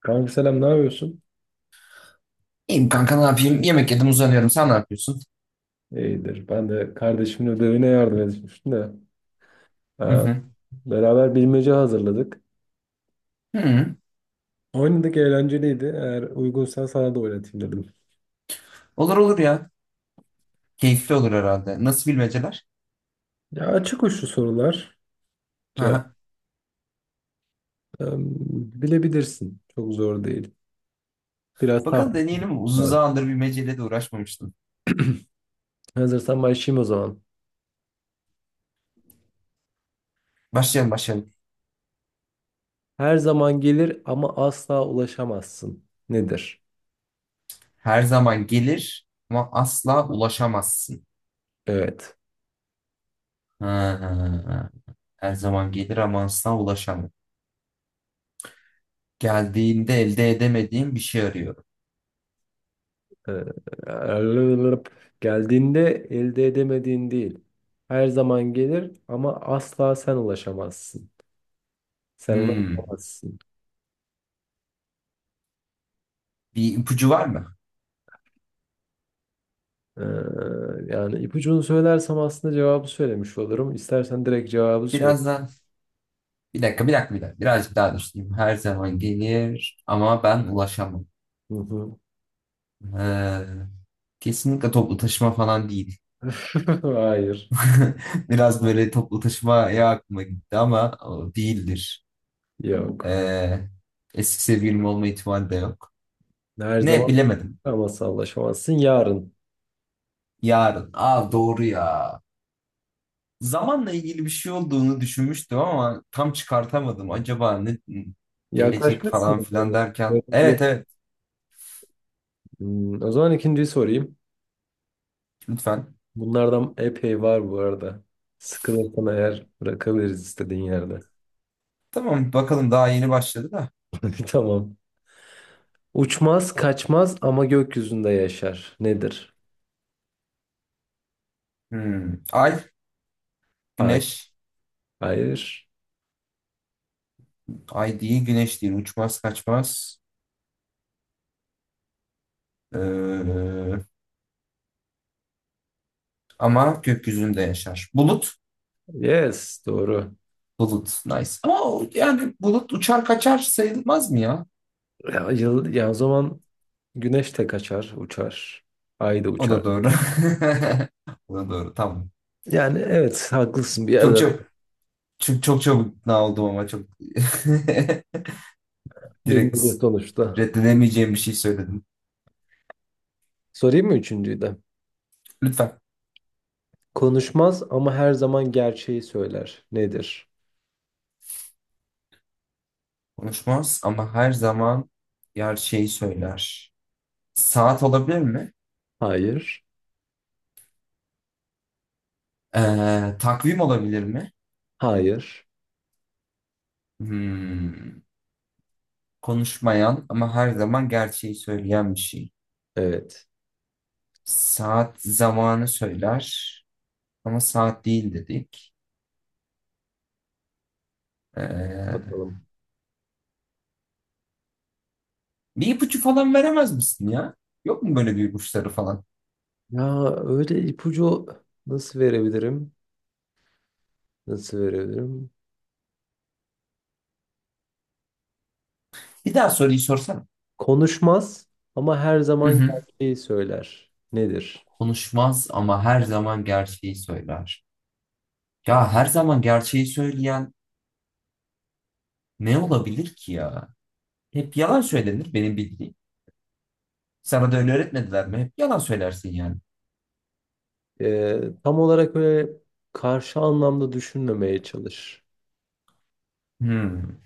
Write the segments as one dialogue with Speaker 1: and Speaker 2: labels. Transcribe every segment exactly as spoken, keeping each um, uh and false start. Speaker 1: Kanka selam, ne yapıyorsun?
Speaker 2: İyiyim kanka ne yapayım? Yemek yedim, uzanıyorum. Sen ne yapıyorsun?
Speaker 1: İyidir. Ben de kardeşimin ödevine yardım etmiştim de.
Speaker 2: Hı
Speaker 1: Ee,
Speaker 2: hı.
Speaker 1: Beraber bilmece hazırladık.
Speaker 2: Hı.
Speaker 1: Oynadık, eğlenceliydi. Eğer uygunsan sana da oynatayım dedim.
Speaker 2: Olur olur ya. Keyifli olur herhalde. Nasıl bilmeceler?
Speaker 1: Ya, açık uçlu sorular.
Speaker 2: Hı
Speaker 1: Ya,
Speaker 2: hı.
Speaker 1: em, Bilebilirsin. Çok zor değil. Biraz
Speaker 2: Bakalım,
Speaker 1: tahmin
Speaker 2: deneyelim. Uzun
Speaker 1: lazım.
Speaker 2: zamandır bilmeceyle de uğraşmamıştım.
Speaker 1: Hazırsan başlayayım o zaman.
Speaker 2: Başlayalım başlayalım.
Speaker 1: Her zaman gelir ama asla ulaşamazsın. Nedir?
Speaker 2: Her zaman gelir ama asla ulaşamazsın.
Speaker 1: Evet.
Speaker 2: Hı hı. Her zaman gelir ama asla ulaşamam. Geldiğinde elde edemediğim bir şey arıyorum.
Speaker 1: Ee, Geldiğinde elde edemediğin değil. Her zaman gelir ama asla sen ulaşamazsın. Sen ona
Speaker 2: Hmm.
Speaker 1: ulaşamazsın.
Speaker 2: Bir ipucu var mı?
Speaker 1: Ee, Yani ipucunu söylersem aslında cevabı söylemiş olurum. İstersen direkt cevabı söyle.
Speaker 2: Biraz da bir dakika bir dakika bir dakika. Birazcık daha düşüneyim. Her zaman gelir ama ben ulaşamam.
Speaker 1: Hı hı.
Speaker 2: Ee, Kesinlikle toplu taşıma falan değil.
Speaker 1: Hayır.
Speaker 2: Biraz böyle toplu taşımaya aklıma gitti ama o değildir.
Speaker 1: Yok.
Speaker 2: Ee, Eski sevgilim olma ihtimali de yok.
Speaker 1: Her
Speaker 2: Ne,
Speaker 1: zaman
Speaker 2: bilemedim.
Speaker 1: ulaşamazsın, ulaşamazsın. Yarın.
Speaker 2: Yarın. Aa, doğru ya. Zamanla ilgili bir şey olduğunu düşünmüştüm ama tam çıkartamadım. Acaba ne gelecek falan
Speaker 1: Yaklaşmışsın.
Speaker 2: filan derken. Evet evet,
Speaker 1: Hmm, O zaman ikinciyi sorayım.
Speaker 2: lütfen.
Speaker 1: Bunlardan epey var bu arada. Sıkılırsan eğer bırakabiliriz istediğin yerde.
Speaker 2: Tamam, bakalım, daha yeni başladı da.
Speaker 1: Tamam. Uçmaz, kaçmaz ama gökyüzünde yaşar. Nedir?
Speaker 2: Hmm. Ay,
Speaker 1: Hayır.
Speaker 2: güneş.
Speaker 1: Hayır.
Speaker 2: Ay değil, güneş değil, uçmaz kaçmaz. Ee, ama gökyüzünde yaşar. Bulut.
Speaker 1: Yes, doğru.
Speaker 2: Bulut. Nice. Ama o- yani bulut uçar kaçar sayılmaz mı ya?
Speaker 1: Ya, yıl, ya o zaman güneş de kaçar, uçar. Ay da
Speaker 2: O
Speaker 1: uçar.
Speaker 2: da doğru. O da doğru. Tamam.
Speaker 1: Yani evet, haklısın bir
Speaker 2: Çok
Speaker 1: yerden.
Speaker 2: çok çok çok çabuk ikna oldum ama çok direkt
Speaker 1: Bilmiyor sonuçta.
Speaker 2: reddedemeyeceğim bir şey söyledim.
Speaker 1: Sorayım mı üçüncüyü de?
Speaker 2: Lütfen.
Speaker 1: Konuşmaz ama her zaman gerçeği söyler. Nedir?
Speaker 2: Konuşmaz ama her zaman yer şeyi söyler. Saat olabilir mi?
Speaker 1: Hayır.
Speaker 2: Ee, takvim olabilir mi?
Speaker 1: Hayır.
Speaker 2: Hmm, konuşmayan ama her zaman gerçeği söyleyen bir şey.
Speaker 1: Evet.
Speaker 2: Saat zamanı söyler ama saat değil dedik. Ee,
Speaker 1: Bakalım.
Speaker 2: bir ipucu falan veremez misin ya? Yok mu böyle bir ipuçları falan?
Speaker 1: Ya, öyle ipucu nasıl verebilirim? Nasıl verebilirim?
Speaker 2: Bir daha soruyu sorsana.
Speaker 1: Konuşmaz ama her
Speaker 2: Hı
Speaker 1: zaman
Speaker 2: hı.
Speaker 1: gerçeği söyler. Nedir?
Speaker 2: Konuşmaz ama her zaman gerçeği söyler. Ya her zaman gerçeği söyleyen ne olabilir ki ya? Hep yalan söylenir benim bildiğim. Sana da öyle öğretmediler mi? Hep yalan söylersin yani.
Speaker 1: Ee, tam olarak öyle karşı anlamda düşünmemeye çalış.
Speaker 2: Hmm.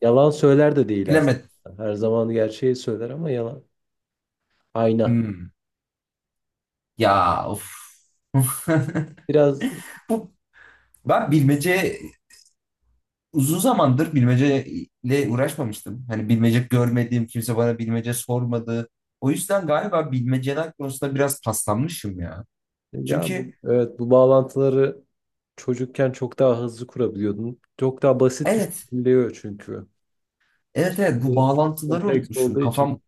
Speaker 1: Yalan söyler de değil aslında.
Speaker 2: Bilemedim.
Speaker 1: Her zaman gerçeği söyler ama yalan. Ayna.
Speaker 2: Hmm. Ya of.
Speaker 1: Biraz
Speaker 2: Bu ben bilmece Uzun zamandır bilmeceyle uğraşmamıştım. Hani bilmece görmediğim, kimse bana bilmece sormadı. O yüzden galiba bilmeceler konusunda biraz paslanmışım ya.
Speaker 1: ya, bu
Speaker 2: Çünkü
Speaker 1: evet, bu bağlantıları çocukken çok daha hızlı kurabiliyordun. Çok daha basit
Speaker 2: evet,
Speaker 1: düşünülüyor çünkü.
Speaker 2: evet evet bu
Speaker 1: Şimdi
Speaker 2: bağlantıları
Speaker 1: kompleks
Speaker 2: unutmuşum.
Speaker 1: olduğu için
Speaker 2: Kafam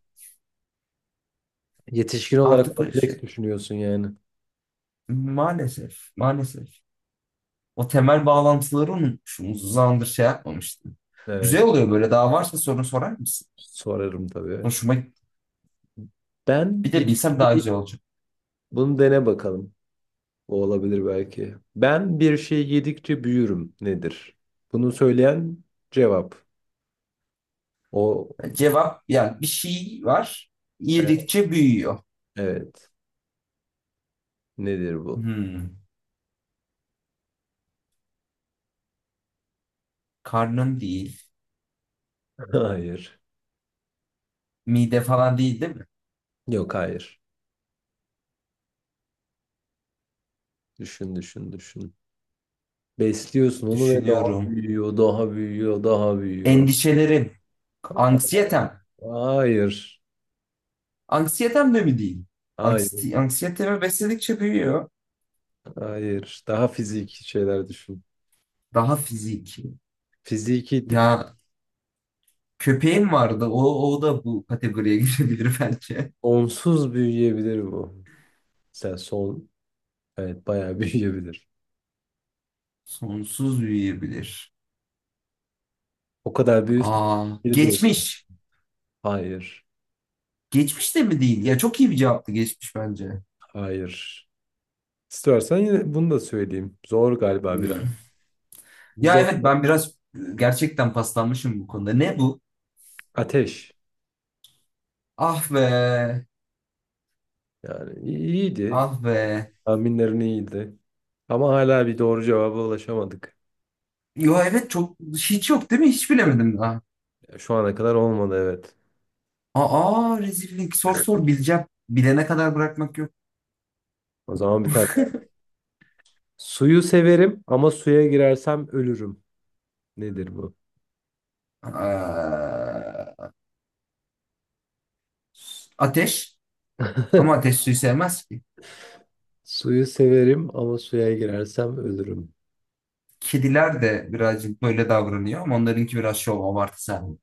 Speaker 1: yetişkin olarak
Speaker 2: artık o
Speaker 1: kompleks
Speaker 2: şey.
Speaker 1: düşünüyorsun yani.
Speaker 2: Maalesef, maalesef. O temel bağlantıları unutmuşum. Uzun zamandır şey yapmamıştım.
Speaker 1: Evet.
Speaker 2: Güzel oluyor böyle. Daha varsa soru sorar mısın?
Speaker 1: Sorarım tabii.
Speaker 2: Hoşuma, bir
Speaker 1: Ben bir
Speaker 2: de bilsem daha
Speaker 1: şey
Speaker 2: güzel olacak.
Speaker 1: Bunu dene bakalım. O olabilir belki. Ben bir şey yedikçe büyürüm, nedir? Bunu söyleyen cevap. O,
Speaker 2: Cevap, yani bir şey var.
Speaker 1: e,
Speaker 2: Yedikçe büyüyor.
Speaker 1: evet. Nedir bu?
Speaker 2: Hmm. Karnın değil.
Speaker 1: Hayır.
Speaker 2: Mide falan değil, değil mi?
Speaker 1: Yok, hayır. Düşün düşün düşün. Besliyorsun onu ve daha
Speaker 2: Düşünüyorum.
Speaker 1: büyüyor, daha büyüyor, daha büyüyor.
Speaker 2: Endişelerim. Anksiyetem.
Speaker 1: Hayır.
Speaker 2: Anksiyetem de mi değil?
Speaker 1: Hayır.
Speaker 2: Anksiyete, anksiyetemi besledikçe büyüyor.
Speaker 1: Hayır. Daha fiziki şeyler düşün.
Speaker 2: Daha fiziki.
Speaker 1: Fiziki de-
Speaker 2: Ya köpeğim vardı. O, o da bu kategoriye girebilir bence.
Speaker 1: Onsuz büyüyebilir bu. Sen son Evet, bayağı büyüyebilir.
Speaker 2: Sonsuz büyüyebilir.
Speaker 1: O kadar büyüsün.
Speaker 2: Aa,
Speaker 1: Biri de o.
Speaker 2: geçmiş.
Speaker 1: Hayır.
Speaker 2: Geçmiş de mi değil? Ya çok iyi bir cevaptı geçmiş bence.
Speaker 1: Hayır. İstersen yine bunu da söyleyeyim. Zor galiba
Speaker 2: Hmm.
Speaker 1: biraz. Biz
Speaker 2: Ya evet
Speaker 1: orada
Speaker 2: ben biraz gerçekten paslanmışım bu konuda. Ne bu?
Speaker 1: Ateş.
Speaker 2: Ah be.
Speaker 1: Yani i- iyiydi.
Speaker 2: Ah be.
Speaker 1: Tahminlerin iyiydi. Ama hala bir doğru cevaba ulaşamadık.
Speaker 2: Yo evet çok, hiç yok değil mi? Hiç bilemedim daha.
Speaker 1: Şu ana kadar olmadı, evet.
Speaker 2: Aa, rezillik. Sor sor bileceğim. Bilene kadar bırakmak yok.
Speaker 1: O zaman bir tane daha. Suyu severim ama suya girersem ölürüm. Nedir bu?
Speaker 2: Aa, ateş. Ama ateş suyu sevmez ki.
Speaker 1: Suyu severim ama suya girersem ölürüm.
Speaker 2: Kediler de birazcık böyle davranıyor ama onlarınki biraz şov, abartı sahibi.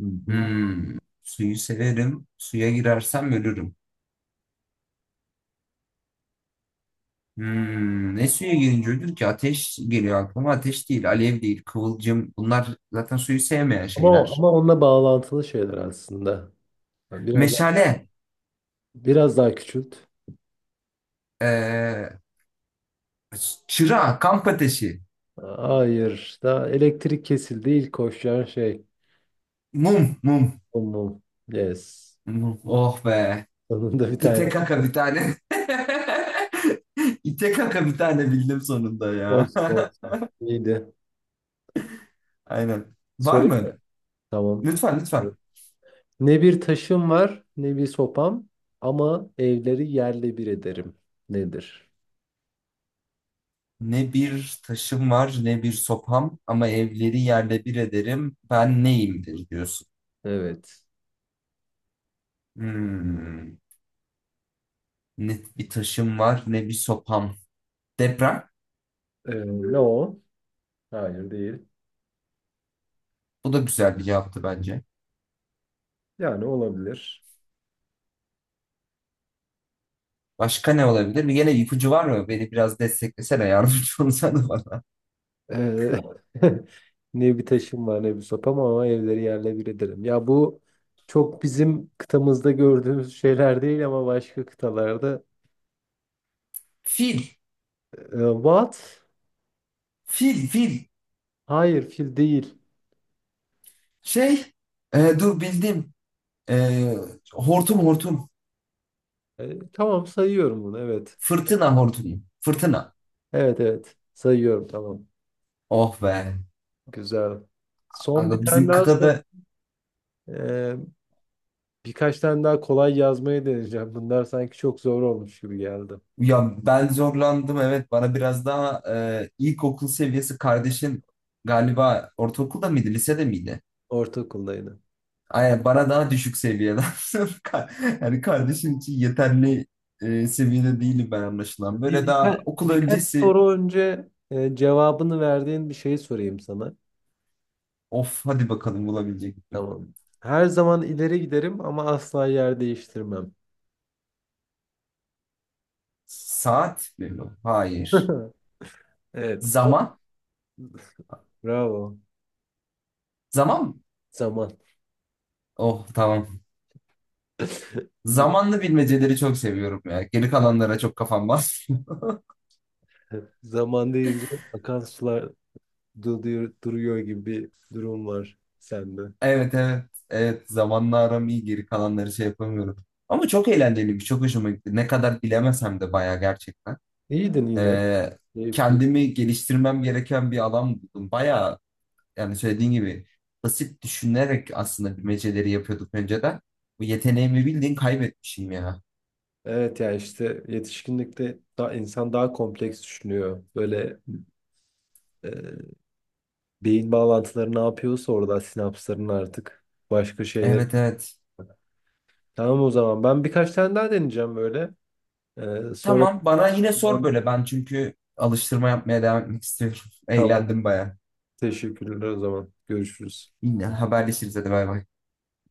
Speaker 1: Hı hı.
Speaker 2: Hmm. Suyu severim. Suya girersem ölürüm. Hmm. Ne suya girince ölür ki? Ateş geliyor aklıma. Ateş değil, alev değil, kıvılcım. Bunlar zaten suyu sevmeyen
Speaker 1: Ama
Speaker 2: şeyler.
Speaker 1: ama onunla bağlantılı şeyler aslında. Yani Biraz
Speaker 2: Meşale.
Speaker 1: biraz daha küçült.
Speaker 2: Ee, çıra, kamp ateşi.
Speaker 1: Hayır. Daha, elektrik kesildi. İlk koşacağın şey.
Speaker 2: Mum, mum.
Speaker 1: Mum mum. Yes.
Speaker 2: Mum. Oh be.
Speaker 1: Sonunda bir tane.
Speaker 2: İte kaka bir tane. İte kaka bir tane bildim sonunda ya.
Speaker 1: Olsun olsun. İyiydi.
Speaker 2: Aynen. Var
Speaker 1: Sorayım mı?
Speaker 2: mı?
Speaker 1: Tamam.
Speaker 2: Lütfen lütfen.
Speaker 1: Ne bir taşım var ne bir sopam ama evleri yerle bir ederim. Nedir?
Speaker 2: Ne bir taşım var ne bir sopam ama evleri yerle bir ederim. Ben neyimdir diyorsun.
Speaker 1: Evet.
Speaker 2: Hmm. Ne bir taşım var ne bir sopam. Deprem.
Speaker 1: Ee, ne o? Hayır değil.
Speaker 2: Bu da güzel bir cevaptı bence.
Speaker 1: Yani olabilir.
Speaker 2: Başka ne olabilir? Bir gene ipucu var mı? Beni biraz desteklesene, yardımcı olsana bana.
Speaker 1: Eee, Ne bir taşım var ne bir sopam ama evleri yerle bir ederim. Ya bu çok bizim kıtamızda gördüğümüz şeyler değil ama başka kıtalarda.
Speaker 2: Fil.
Speaker 1: Eee, what?
Speaker 2: Fil, fil.
Speaker 1: Hayır, fil değil.
Speaker 2: Şey, e, dur bildim. E, hortum hortum.
Speaker 1: Eee, tamam, sayıyorum bunu, evet.
Speaker 2: Fırtına hortumu. Fırtına.
Speaker 1: Evet evet, sayıyorum, tamam.
Speaker 2: Oh be.
Speaker 1: Güzel. Son bir
Speaker 2: Aga
Speaker 1: tane
Speaker 2: bizim
Speaker 1: daha sor.
Speaker 2: kıtada,
Speaker 1: Eee, Birkaç tane daha kolay yazmayı deneyeceğim. Bunlar sanki çok zor olmuş gibi geldi.
Speaker 2: ya ben zorlandım evet, bana biraz daha e, ilkokul seviyesi. Kardeşin galiba ortaokulda mıydı, lisede miydi?
Speaker 1: Ortaokuldaydı.
Speaker 2: Aynen, bana daha düşük seviyeden. Ka- Yani kardeşin için yeterli e, seviyede değilim ben, anlaşılan.
Speaker 1: Bir,
Speaker 2: Böyle daha
Speaker 1: birka-
Speaker 2: okul
Speaker 1: birkaç
Speaker 2: öncesi.
Speaker 1: soru önce e, cevabını verdiğin bir şeyi sorayım sana.
Speaker 2: Of, hadi bakalım, bulabilecek miyim?
Speaker 1: Tamam. Her zaman ileri giderim ama asla yer değiştirmem.
Speaker 2: Saat mi bu? Hayır.
Speaker 1: Evet. O-
Speaker 2: Zaman.
Speaker 1: Bravo.
Speaker 2: Zaman mı?
Speaker 1: Zaman.
Speaker 2: Oh tamam. Zamanlı bilmeceleri çok seviyorum ya. Geri kalanlara çok kafam basmıyor.
Speaker 1: Güzel. Zaman deyince akan sular duruyor, duruyor gibi bir durum var sende.
Speaker 2: Evet evet. Evet, zamanla aram iyi, geri kalanları şey yapamıyorum. Ama çok eğlenceliymiş. Çok hoşuma gitti. Ne kadar bilemesem de bayağı, gerçekten.
Speaker 1: İyiydin yine.
Speaker 2: Ee,
Speaker 1: Keyifli.
Speaker 2: kendimi geliştirmem gereken bir alan buldum. Bayağı, yani söylediğin gibi, basit düşünerek aslında bilmeceleri yapıyorduk önceden. Bu yeteneğimi bildiğin kaybetmişim ya.
Speaker 1: Evet ya, işte yetişkinlikte daha, insan daha kompleks düşünüyor. Böyle e, beyin bağlantıları ne yapıyorsa orada sinapsların artık başka şeyler.
Speaker 2: Evet evet.
Speaker 1: Tamam, o zaman ben birkaç tane daha deneyeceğim böyle. Ee, sonra,
Speaker 2: Tamam, bana yine sor
Speaker 1: tamam,
Speaker 2: böyle, ben çünkü alıştırma yapmaya devam etmek istiyorum.
Speaker 1: tamam.
Speaker 2: Eğlendim baya.
Speaker 1: Teşekkürler, o zaman görüşürüz.
Speaker 2: Yine haberleşiriz, hadi bay bay.